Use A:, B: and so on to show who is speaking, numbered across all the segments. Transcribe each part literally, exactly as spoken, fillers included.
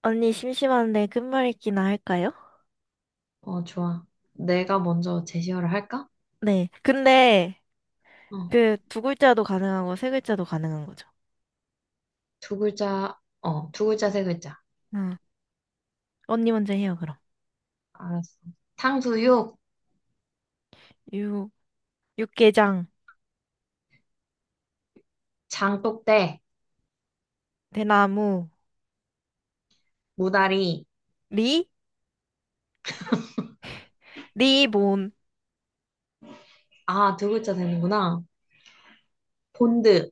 A: 언니 심심한데 끝말잇기나 할까요?
B: 어, 좋아. 내가 먼저 제시어를 할까?
A: 네. 근데
B: 어,
A: 그 두 글자도 가능하고 세 글자도 가능한 거죠.
B: 두 글자, 어, 두 글자, 세 글자.
A: 응. 언니 먼저 해요, 그럼.
B: 알았어. 탕수육,
A: 육, 육개장,
B: 장독대,
A: 대나무,
B: 무다리.
A: 리, 리본,
B: 아, 두 글자 되는구나. 본드,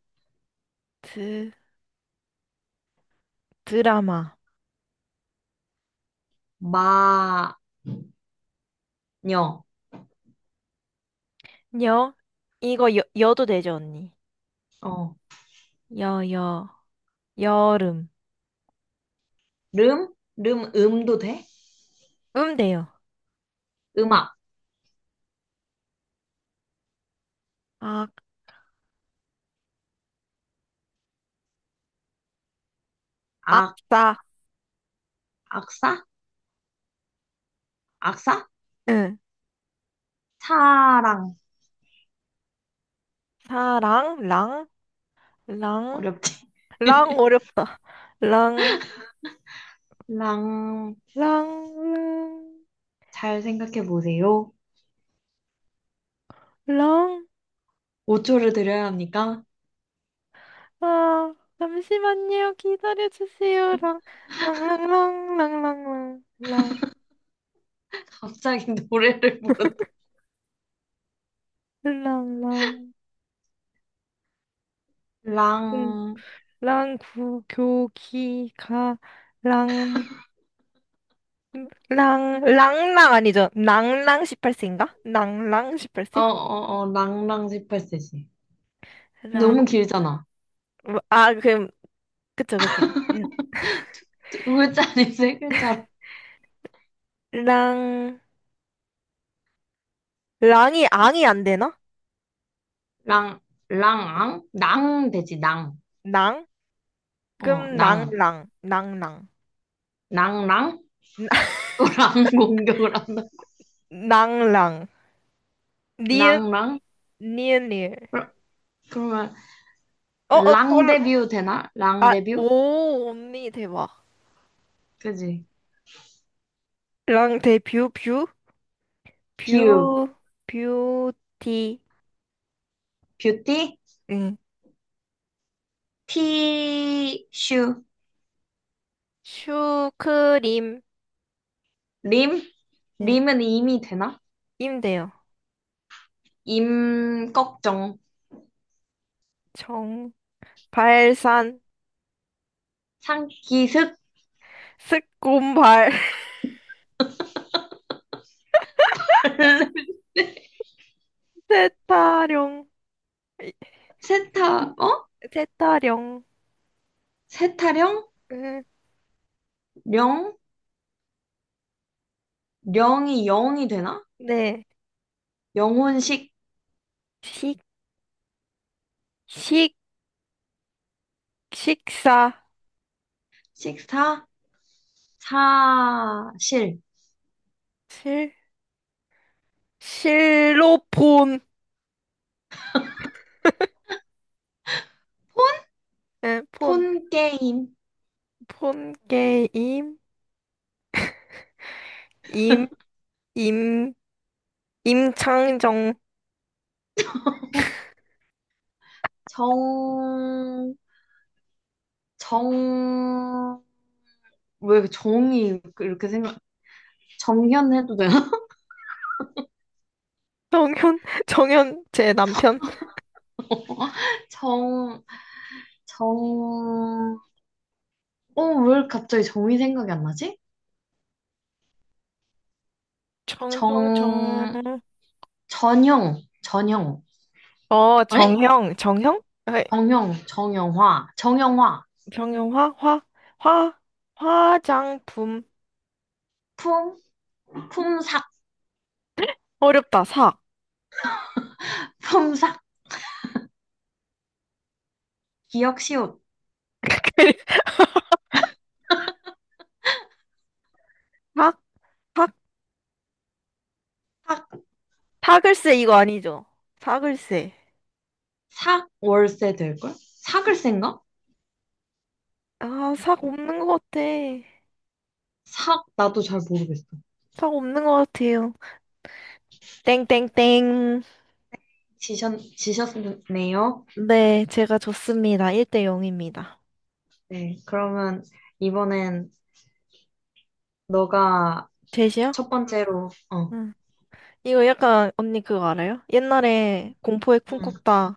A: 드, 드라마,
B: 마녀.
A: 여, 이거 여, 여도 되죠, 언니?
B: 어,
A: 여, 여, 여름,
B: 름, 름, 음도 돼?
A: 음 돼요.
B: 음악,
A: 악,
B: 악,
A: 악사,
B: 악사, 악사?
A: 응.
B: 사랑.
A: 사랑, 랑, 랑,
B: 어렵지?
A: 랑 어렵다. 랑,
B: 랑,
A: 랑,
B: 잘 생각해 보세요.
A: 랑. 랑
B: 오 초를 드려야 합니까?
A: 아, 잠시만요. 기다려주세요. 랑, 랑랑랑, 랑랑랑, 랑,
B: 갑자기 노래를 부른다.
A: 랑랑, 궁,
B: 랑.
A: 랑, 구, 교, 기, 가, 랑, 랑, 랑랑 아니죠? 랑랑 십팔 세인가? 랑랑
B: 어,
A: 십팔 세?
B: 어, 어, 랑랑 십팔 세지.
A: 랑,
B: 너무 길잖아.
A: 아, 그, 그쵸, 그쵸. 음,
B: 두 글자 아니 세 글자로.
A: 랑, 랑이, 앙이 안 되나?
B: 랑, 랑앙? 낭 되지, 낭.
A: 랑?
B: 어,
A: 그럼
B: 낭.
A: 랑랑, 랑랑,
B: 낭랑? 또 랑 공격을 한다.
A: 랑랑, 니은,
B: 낭랑?
A: 니은, 니은.
B: 그러- 그러면,
A: 어, 어,
B: 랑 데뷔 되나? 랑
A: 아,
B: 데뷔?
A: 오, 언니 대박.
B: 그지?
A: 랑 대뷰 뷰?
B: 뷰.
A: 뷰 뷰티
B: 뷰티?
A: 응.
B: 티슈.
A: 슈크림
B: 림?
A: 응.
B: 림은 임이 되나?
A: 임대요.
B: 임, 걱정.
A: 정 발산
B: 상기습?
A: 스콘발 세타령 이-
B: 세타, 어?
A: 세타령
B: 세타령?
A: 응.
B: 령? 영이 영이 되나?
A: 네.
B: 영혼식,
A: 식 식 식사
B: 식사, 사실,
A: 실 실로폰 응.
B: 폰 게임,
A: 폰폰 게임 임 임 임창정
B: 정, 정, 왜 정이 이렇게 생각. 정현 해도 되나?
A: 정현, 정현, 제 남편.
B: 정, 정. 어, 왜 갑자기 정이 생각이 안 나지?
A: 정, 정,
B: 정,
A: 정.
B: 전형, 전형.
A: 어,
B: 에?
A: 정형, 정형? 아이
B: 정형, 정형화, 정형화.
A: 정형화? 화? 화? 화장품.
B: 품, 품삭,
A: 어렵다, 사.
B: 품삭, 기억시옷.
A: 사? 사? 사글쎄, 이거 아니죠? 사글쎄.
B: 삭 월세 될걸? 삭을센가?
A: 아, 삭 없는 것 같아.
B: 삭 나도 잘 모르겠어.
A: 삭 없는 것 같아요. 땡땡땡.
B: 지셨 지셨네요.
A: 네, 제가 졌습니다. 일 대 영입니다.
B: 네, 그러면 이번엔 너가
A: 제시요?
B: 첫 번째로 어,
A: 응. 이거 약간 언니 그거 알아요? 옛날에 공포의
B: 응.
A: 쿵쿵따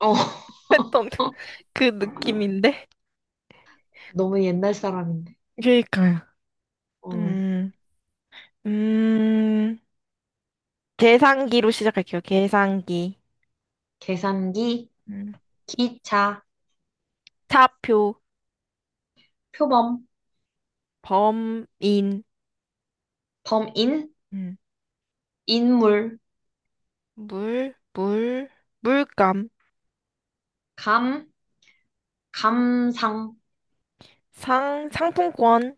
B: 어,
A: 했던 그 느낌인데.
B: 너무 옛날 사람인데.
A: 그러니까요.
B: 어,
A: 음, 음, 계산기로 시작할게요. 계산기.
B: 계산기,
A: 음.
B: 기차,
A: 차표,
B: 표범,
A: 범인,
B: 범인,
A: 음.
B: 인물,
A: 물, 물, 물감,
B: 감, 감상,
A: 상, 상품권.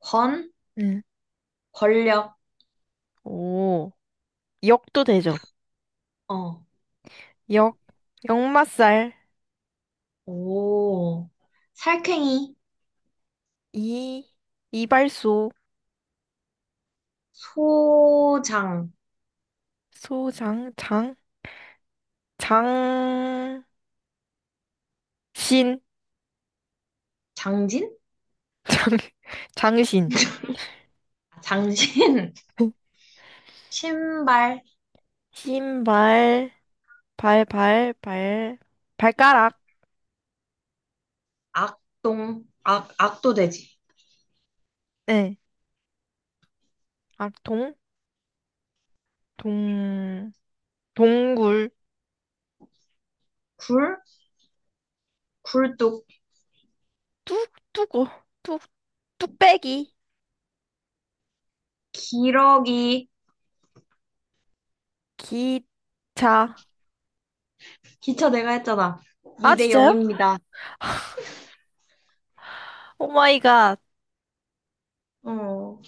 B: 권,
A: 음.
B: 권력.
A: 오, 역도 되죠.
B: 어,
A: 역, 역마살,
B: 오, 살쾡이,
A: 이, 이발소,
B: 소장,
A: 소장, 장, 장, 신,
B: 장진?
A: 장, 장신,
B: 장신, 신발,
A: 신발, 발, 발, 발, 발가락,
B: 악동, 악, 악도돼지,
A: 네. 아, 동, 동, 동굴,
B: 굴, 굴뚝,
A: 뚝, 뚝고, 뚝, 뚝배기,
B: 기러기,
A: 기차.
B: 기차 내가 했잖아.
A: 아,
B: 이 대
A: 진짜요?
B: 영입니다.
A: 오마이갓,
B: 어,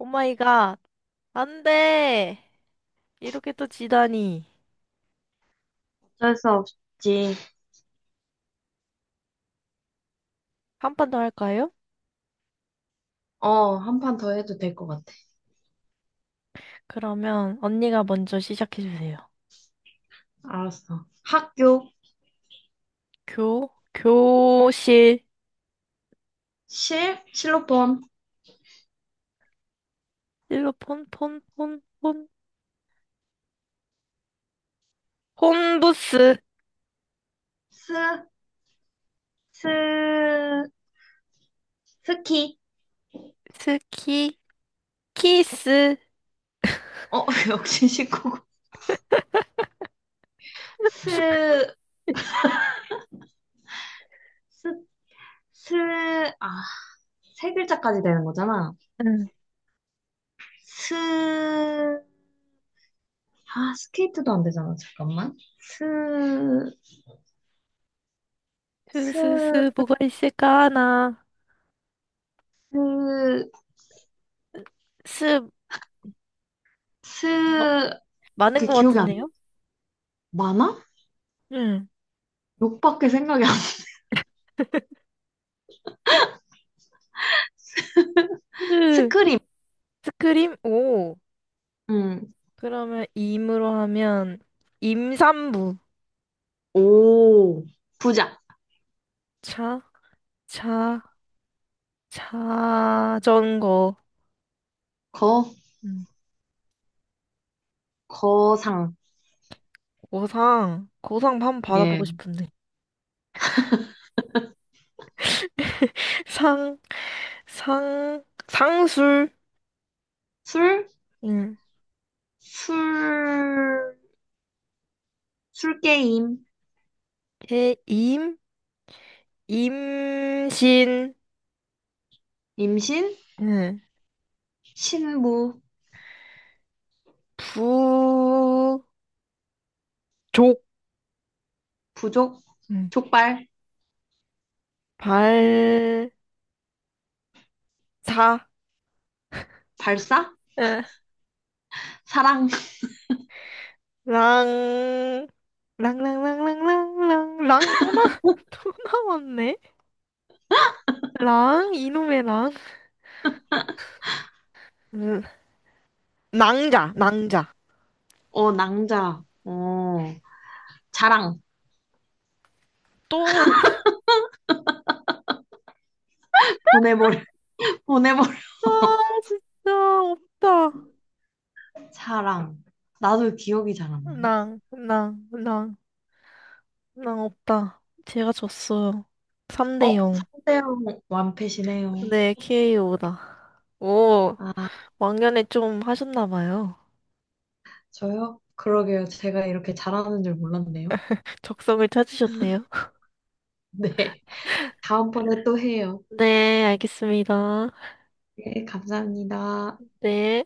A: 오마이갓. 안 돼. 이렇게 또 지다니.
B: 어쩔 수 없지.
A: 한 판 더 할까요?
B: 어, 한 판 더 해도 될 것 같아.
A: 그러면 언니가 먼저 시작해주세요.
B: 알았어. 학교,
A: 교, 교실,
B: 실, 실로폰,
A: 일로 폰 폰, 폰, 폰, 폰부스,
B: 스, 스, 스키.
A: 스키, 키스.
B: 어, 역시 일 구고. 스, 스, 스, 아, 세 글자까지 되는 거잖아.
A: 응.
B: 스, 아, 스케이트도 안 되잖아. 잠깐만. 스, 스,
A: 스스스 뭐가 있을까 하나
B: 스,
A: 스 마,
B: 스,
A: 많은
B: 그
A: 것
B: 기억이 안 나.
A: 같은데요?
B: 많아?
A: 응.
B: 욕밖에 생각이 안 나.
A: 스
B: 스크림.
A: 스크림 오
B: 음.
A: 그러면 임으로 하면 임산부
B: 오. 부자.
A: 차 차 자전거
B: 거,
A: 음.
B: 거상.
A: 고상 고상 한번
B: 예.
A: 받아보고 싶은데 상 상 상술
B: 술,
A: 응.
B: 술, 술게임.
A: 개임 임신
B: 임신,
A: 응.
B: 신부,
A: 부족
B: 부족,
A: 응.
B: 족발,
A: 발 사,
B: 발사,
A: 예,
B: 사랑.
A: 랑, 랑랑랑랑랑랑, 랑 랑, 랑, 랑, 랑, 랑, 또 나, 또 나왔네? 랑, 이놈의 랑. 음, 낭자, 낭자.
B: 어, 낭자, 어, 자랑.
A: 또,
B: 보내버려, 보내버려.
A: 아, 진짜, 없다.
B: 사랑. 나도 기억이 잘 안 나네.
A: 랑, 랑, 랑, 랑 없다. 제가 졌어요. 삼 대
B: 어,
A: 영.
B: 상대형 완패시네요.
A: 네, 케이오다. 오,
B: 아,
A: 왕년에 좀 하셨나 봐요.
B: 저요? 그러게요. 제가 이렇게 잘하는 줄 몰랐네요.
A: 적성을 찾으셨네요.
B: 네. 다음번에 또 해요.
A: 네, 알겠습니다.
B: 네, 감사합니다.
A: 네.